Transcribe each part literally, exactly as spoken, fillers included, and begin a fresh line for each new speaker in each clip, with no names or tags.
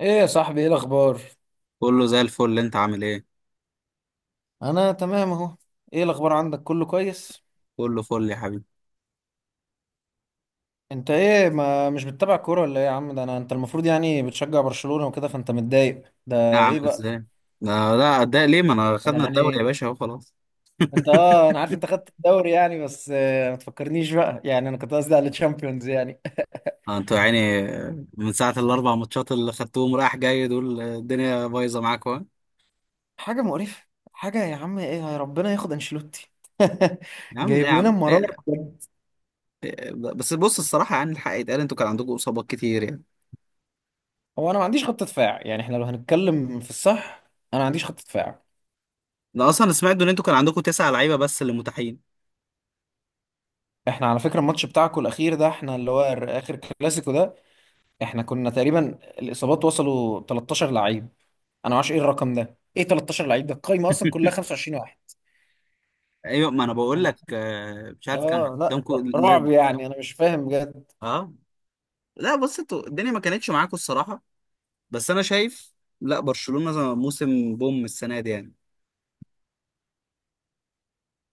ايه يا صاحبي، ايه الاخبار؟
كله زي الفل، انت عامل ايه؟
انا تمام اهو. ايه الاخبار عندك؟ كله كويس؟
كله فل يا حبيبي.
انت ايه، ما مش بتتابع كوره ولا ايه يا عم؟ ده انا انت المفروض يعني بتشجع برشلونه وكده، فانت متضايق
لا يا
ده
عم،
ايه بقى؟
ازاي؟ لا لا ده ليه؟ ما انا
انا
خدنا الدوري يا
يعني
باشا، اهو خلاص.
انت اه انا عارف انت خدت الدوري يعني، بس آه، ما تفكرنيش بقى، يعني انا كنت قصدي على الشامبيونز يعني.
اه، انتوا يعني من ساعة الاربع ماتشات اللي خدتوهم رايح جاي دول، الدنيا بايظة معاكوا ها؟
حاجه مقرفه. حاجه يا عم، ايه يا ربنا ياخد انشيلوتي.
يا عم ليه؟
جايب
يا
لنا
عم
مرار
ليه؟
بجد.
بس بص، الصراحة يعني الحق يتقال، انتوا كان عندكم اصابات كتير يعني.
هو انا ما عنديش خط دفاع، يعني احنا لو هنتكلم في الصح انا ما عنديش خط دفاع.
انا اصلا سمعت ان انتوا كان عندكم تسع لعيبة بس اللي متاحين.
احنا على فكرة الماتش بتاعكم الأخير ده، احنا اللي هو ال- آخر كلاسيكو ده احنا كنا تقريبا الإصابات وصلوا تلتاشر لعيب. أنا ما اعرفش إيه الرقم ده، إيه تلتاشر لعيب؟ ده القايمة أصلا كلها خمسة وعشرين واحد
ايوه، ما انا بقول
ولا
لك،
خمسة.
آه، مش عارف كان
آه لا،
قدامكم
رعب
لا-
يعني، أنا مش فاهم بجد.
اه لا. بص انتوا الدنيا ما كانتش معاكم الصراحة، بس انا شايف لا برشلونة موسم بوم السنة دي يعني.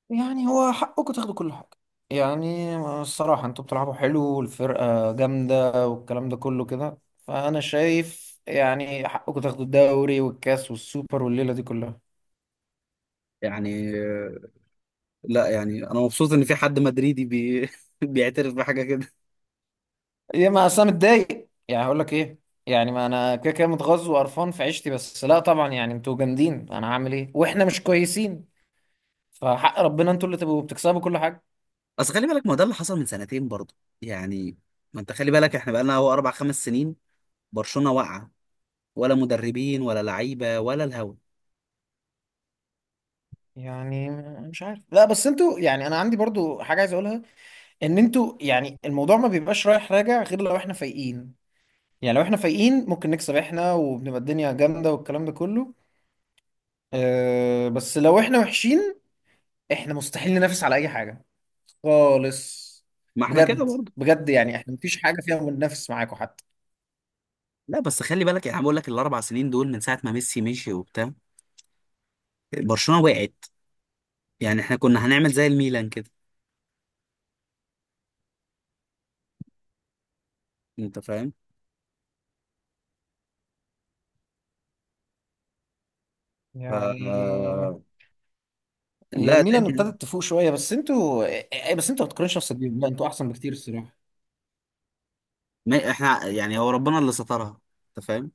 يعني هو حقكم تاخدوا كل حاجة، يعني الصراحة أنتوا بتلعبوا حلو والفرقة جامدة والكلام ده كله كده، فأنا شايف يعني حقكم تاخدوا الدوري والكاس والسوبر والليلة دي كلها.
يعني آه، لا يعني انا مبسوط ان في حد مدريدي بي... بيعترف بحاجة كده.
يا ما اصل انا متضايق، يعني هقول لك ايه، يعني ما انا كده كده متغاظ وقرفان في عيشتي، بس لا طبعا يعني انتوا جامدين، انا هعمل ايه واحنا مش كويسين. فحق ربنا انتوا اللي تبقوا بتكسبوا كل حاجه.
بس خلي بالك، ما ده اللي حصل من سنتين برضه يعني. ما انت خلي بالك، احنا بقالنا هو اربع خمس سنين برشلونة واقعة، ولا مدربين ولا لعيبة ولا الهوا.
يعني مش عارف، لا بس انتوا يعني انا عندي برضو حاجه عايز اقولها، ان انتوا يعني الموضوع ما بيبقاش رايح راجع غير لو احنا فايقين. يعني لو احنا فايقين ممكن نكسب احنا وبنبقى الدنيا جامده والكلام ده كله. أه بس لو احنا وحشين احنا مستحيل ننافس على اي حاجه خالص.
ما احنا كده
بجد،
برضه.
بجد يعني احنا مفيش حاجة فيها بننافس معاكم حتى.
لا بس خلي بالك يعني، أنا بقول لك الاربع سنين دول من ساعة ما ميسي مشي وبتاع، برشلونة وقعت. يعني احنا كنا هنعمل زي الميلان كده، انت فاهم؟ ف
يعني هي
لا
الميلان
الدنيا.
ابتدت تفوق شوية، بس انتوا بس انتوا ما تقارنش نفسك بيهم، لا انتوا احسن بكتير الصراحة.
ما احنا يعني هو ربنا اللي سترها، انت فاهم.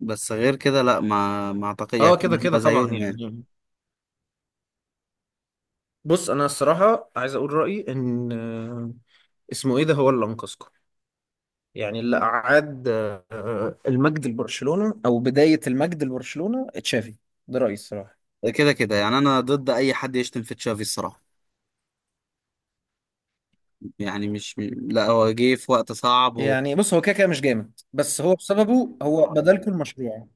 بس غير كده لا، ما ما اعتقد يعني
اه كده
كنا
كده
هنبقى
طبعا
زيهم يعني.
يعني. بص انا الصراحه عايز اقول رايي ان آه، اسمه ايه ده، هو اللي انقذكم، يعني اللي اعاد آه، المجد لبرشلونه، او بدايه المجد لبرشلونه، تشافي. ده رايي الصراحه.
كده كده يعني انا ضد اي حد يشتم في تشافي الصراحه يعني. مش م- لا، هو جه في وقت صعب و...
يعني بص، هو كده كده مش جامد، بس هو بسببه، هو بدلكوا المشروع.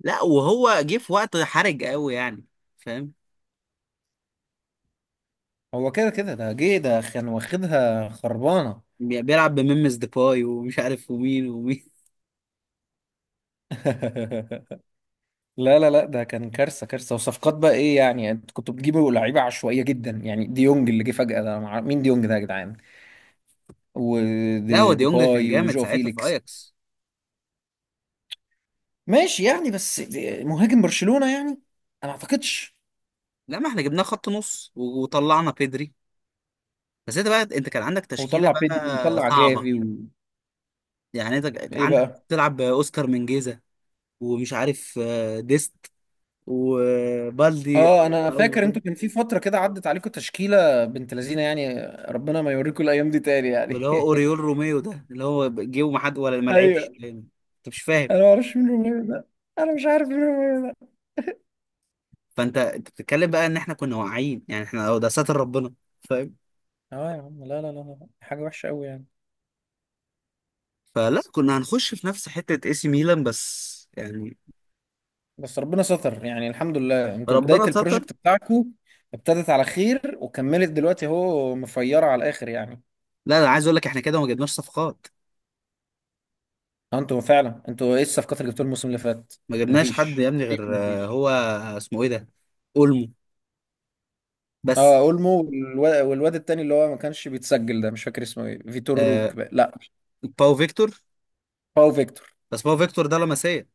لا، وهو جه في وقت حرج قوي يعني، فاهم.
هو كده كده ده جه ده كان واخدها خربانة.
بي- بيلعب بميمس ديباي ومش عارف ومين ومين.
لا لا لا، ده كان كارثة كارثة. وصفقات بقى، ايه يعني؟ انت كنت بتجيبوا لعيبة عشوائية جدا، يعني ديونج اللي جه فجأة ده مع... مين ديونج ده يا جدعان؟
لا هو ديونج كان
وديباي
جامد
وجو
ساعتها في
فيليكس.
اياكس.
ماشي يعني، بس دي- مهاجم برشلونة يعني، انا ما اعتقدش.
لا ما احنا جبناه خط نص و- وطلعنا بيدري. بس انت بقى انت كان عندك تشكيله
وطلع بيدري
بقى
وطلع
صعبه
جافي و...
يعني. انت
ايه
عندك
بقى؟
تلعب باوسكار منجيزة، ومش عارف آه، ديست، وبالدي.
اه انا فاكر
أو-
انتوا كان في فترة كده عدت عليكم تشكيلة بنت لذينة يعني. ربنا ما يوريكم الايام دي تاني يعني.
اللي هو اوريول روميو ده، اللي هو جه وما حد ولا ما لعبش
ايوه.
انت، مش
انا
فاهم.
ما اعرفش مين روميو ده، انا مش عارف مين روميو ده.
فانت انت بتتكلم بقى ان احنا كنا واعيين يعني، احنا أهو ده ساتر ربنا، فاهم.
اه يا عم، لا لا لا لا، حاجة وحشة قوي يعني.
فلا كنا هنخش في نفس حته اي سي ميلان بس يعني.
بس ربنا ستر، يعني الحمد لله انتوا بداية
ربنا ستر.
البروجكت بتاعكم ابتدت على خير، وكملت دلوقتي اهو مفيرة على الآخر يعني.
لا انا عايز اقول لك احنا كده ما جبناش صفقات.
اه انتوا فعلا، انتوا ايه الصفقات اللي جبتوها الموسم اللي فات؟
ما جبناش حد يا
مفيش
ابني
تقريبا،
غير آه،
مفيش.
هو آه، اسمه ايه ده، اولمو، بس.
اه اولمو، والواد, والواد التاني اللي هو ما كانش بيتسجل ده، مش فاكر اسمه ايه، فيتور
آه،
روك بقى. لا،
باو فيكتور.
هو فيكتور.
بس باو فيكتور ده لمسيه.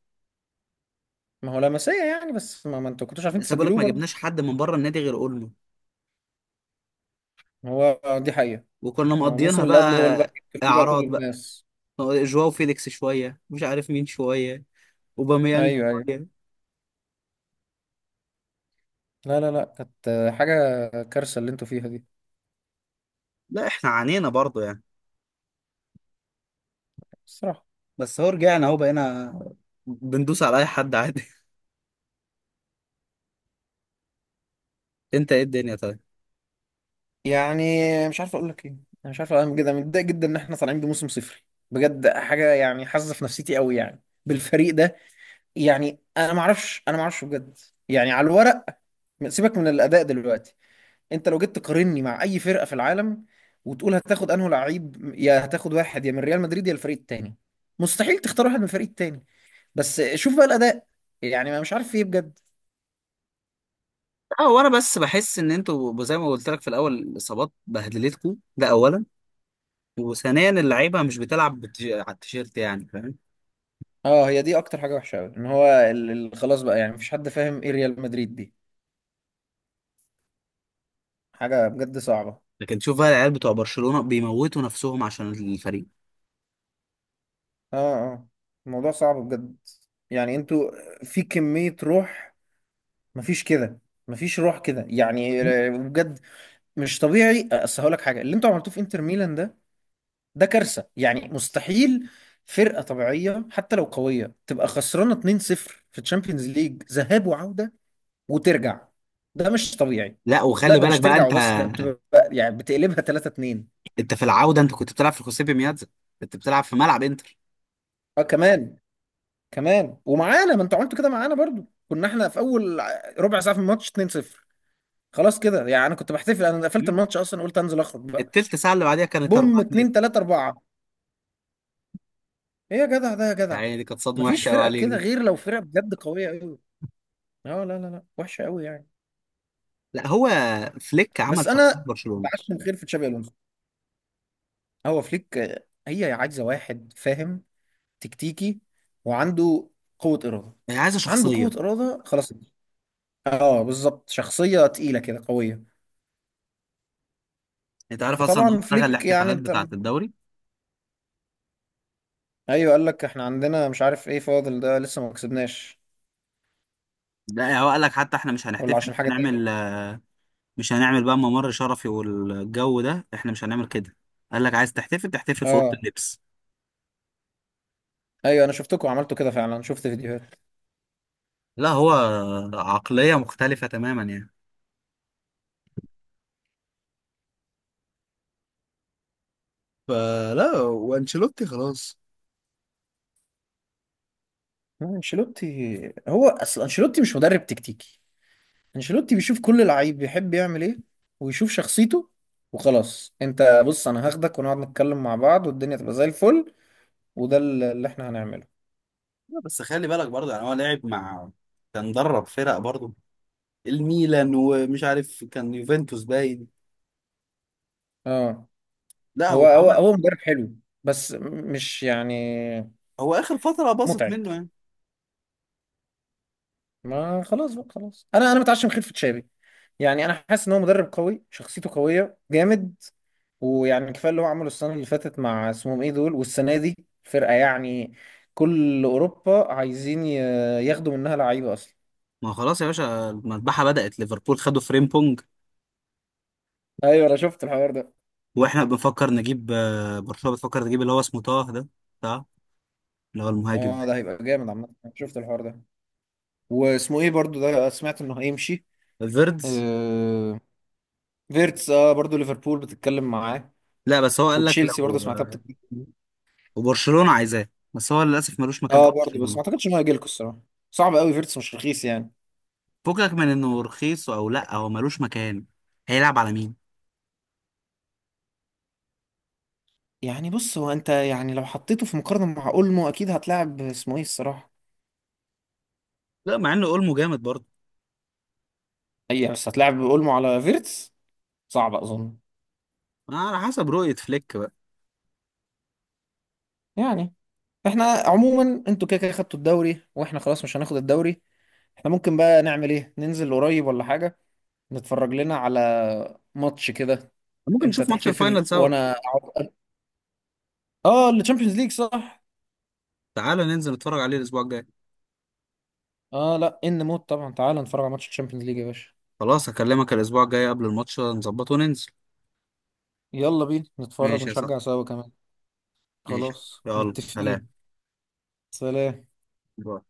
ما هو لاماسيا يعني، بس ما, ما انتوا كنتوش عارفين
لسه بقول لك
تسجلوه
ما جبناش
برضه.
حد من بره النادي غير اولمو،
هو دي حقيقة.
وكنا
آه،
مقضيينها
الموسم اللي قبله هو اللي بقى
بقى.
كان فيه بقى كل
اعراض بقى،
الناس.
جواو فيليكس شويه، مش عارف مين شويه، اوباميانج
ايوه ايوه.
شويه.
لا لا لا، كانت آه، حاجه كارثه اللي انتوا فيها دي
لا احنا عانينا برضو يعني،
الصراحه.
بس هو رجعنا اهو، بقينا بندوس على اي حد عادي. انت ايه الدنيا طيب.
يعني مش عارف اقول لك ايه، انا مش عارف، انا جدا متضايق جدا ان احنا طالعين بموسم صفري. بجد حاجه يعني حاسه في نفسيتي قوي يعني بالفريق ده. يعني انا ما اعرفش انا ما اعرفش بجد. يعني على الورق، سيبك من الاداء دلوقتي، انت لو جيت تقارني مع اي فرقه في العالم وتقول هتاخد انه لعيب، يا هتاخد واحد يا من ريال مدريد يا الفريق التاني، مستحيل تختار واحد من الفريق التاني. بس شوف بقى الاداء، يعني ما مش عارف فيه بجد.
اه، وانا بس بحس ان انتوا زي ما قلت لك في الاول، الاصابات بهدلتكم ده اولا، وثانيا اللعيبه مش بتلعب بتج... على التيشيرت يعني، فاهم.
اه هي دي اكتر حاجه وحشه قوي، ان هو ال- ال- خلاص بقى يعني، مفيش حد فاهم ايه ريال مدريد دي. حاجه بجد صعبه.
لكن تشوف بقى العيال بتوع برشلونه بيموتوا نفسهم عشان الفريق.
اه، اه. الموضوع صعب بجد. يعني انتوا في كميه روح، مفيش كده، مفيش روح كده يعني. بجد، مش طبيعي. اصل هقول لك حاجه، اللي انتوا عملتوه في انتر ميلان ده، ده كارثه يعني. مستحيل فرقه طبيعيه حتى لو قويه تبقى خسرانه اتنين صفر في تشامبيونز ليج ذهاب وعوده وترجع. ده مش طبيعي.
لا
لا
وخلي
ده
بالك
مش
بقى
ترجع
انت،
وبس، ده بتبقى يعني بتقلبها تلاتة اتنين.
انت في العودة انت كنت بتلعب في الخصيبي ميادزا، كنت بتلعب في ملعب انتر.
اه كمان، كمان ومعانا. ما انتوا عملتوا كده معانا برضو، كنا احنا في اول ع- ربع ساعه في الماتش اتنين صفر. خلاص كده يعني انا كنت بحتفل، انا قفلت
مم.
الماتش اصلا، قلت انزل اخرج بقى.
التلت ساعة اللي بعديها كانت 4
بوم اتنين
2
تلاتة اربعة. ايه يا جدع ده يا جدع؟
يعني دي كانت صدمة
مفيش
وحشة قوي
فرقه
عليك
كده
دي.
غير لو فرقه بجد قويه قوي. اه لا لا لا، وحشه قوي يعني.
لا هو فليك
بس
عمل شخصية
انا
برشلونة.
بعشم خير في تشابي الونسو. هو فليك آه، هي عايزه واحد فاهم، تكتيكي، وعنده قوة إرادة.
هي عايزة
عنده قوة
شخصية.
إرادة خلاص. اه بالظبط، شخصية تقيلة كده قوية.
انت عارف اصلا ان هو
فطبعا
لغى
فليك يعني
الاحتفالات
انت.
بتاعة الدوري؟
ايوه قال لك احنا عندنا مش عارف ايه فاضل ده، لسه ما كسبناش
لا هو قال لك حتى احنا مش
ولا
هنحتفل،
عشان
مش
حاجة تاني.
هنعمل، مش هنعمل بقى ممر شرفي والجو ده، احنا مش هنعمل كده. قال لك عايز تحتفل تحتفل في اوضه
اه
اللبس.
ايوه، انا شفتكم عملتوا كده فعلا، شفت فيديوهات.
لا هو عقليه مختلفه تماما يعني. فلا وانشيلوتي خلاص.
آه، انشيلوتي، هو اصل انشيلوتي مش مدرب تكتيكي. انشيلوتي بيشوف كل لعيب بيحب يعمل ايه، ويشوف شخصيته وخلاص. انت بص، انا هاخدك ونقعد نتكلم مع بعض والدنيا تبقى زي الفل، وده اللي احنا هنعمله.
لا، بس خلي بالك برضه يعني، هو لعب مع، كان درب فرق برضه، الميلان ومش عارف كان يوفنتوس باين.
اه
لا
هو
هو
هو
عمل،
هو مدرب حلو، بس مش يعني
هو اخر فتره باظت
متعب.
منه يعني.
ما خلاص بقى، خلاص انا انا متعشم خلفة شابي. يعني انا حاسس ان هو مدرب قوي، شخصيته قويه جامد، ويعني كفايه اللي هو عمله السنه اللي فاتت مع اسمهم ايه دول، والسنه دي فرقه يعني كل اوروبا عايزين ي- ياخدوا منها لعيبه اصلا.
ما خلاص يا باشا، المذبحه بدات، ليفربول خدوا فريمبونج.
ايوه انا شفت الحوار ده.
واحنا بنفكر نجيب، آه، برشلونه بتفكر تجيب اللي هو اسمه طه ده، بتاع، اللي هو المهاجم،
اه ده هيبقى جامد عامه، أنا شفت الحوار ده. واسمه ايه برضو ده، سمعت انه هيمشي.
فيردز.
آه فيرتس، اه برضو ليفربول بتتكلم معاه
لا بس هو قال لك
وتشيلسي
لو
برضه سمعتها
آه،
بتتكلم.
وبرشلونه عايزاه، بس هو للاسف ملوش مكان في
اه برضه، بس ما
برشلونه.
اعتقدش انه هيجيلكوا الصراحه. صعب قوي، فيرتس مش رخيص يعني.
فكك من انه رخيص او لا، هو ملوش مكان، هيلعب على مين؟
يعني بص، هو انت يعني لو حطيته في مقارنه مع اولمو اكيد هتلاعب اسمه ايه الصراحه.
لا مع انه اولمو جامد برضه.
اي بس هتلاعب اولمو على فيرتس؟ صعب اظن.
على حسب رؤية فليك بقى.
يعني احنا عموما انتوا كده كده خدتوا الدوري، واحنا خلاص مش هناخد الدوري. احنا ممكن بقى نعمل ايه، ننزل قريب ولا حاجه؟ نتفرج لنا على ماتش كده،
ممكن
انت
نشوف ماتش الفاينل
تحتفل
سوا.
وانا اقعد. اه التشامبيونز ليج صح.
تعالى ننزل نتفرج عليه الأسبوع الجاي.
اه لا ان موت طبعا، تعال نتفرج على ماتش الشامبيونز ليج يا باشا.
خلاص هكلمك الأسبوع الجاي قبل الماتش نظبطه وننزل.
يلا بينا نتفرج
ماشي يا
ونشجع
صاحبي.
سوا كمان.
ماشي.
خلاص
يلا سلام.
متفقين. سلام.
باي.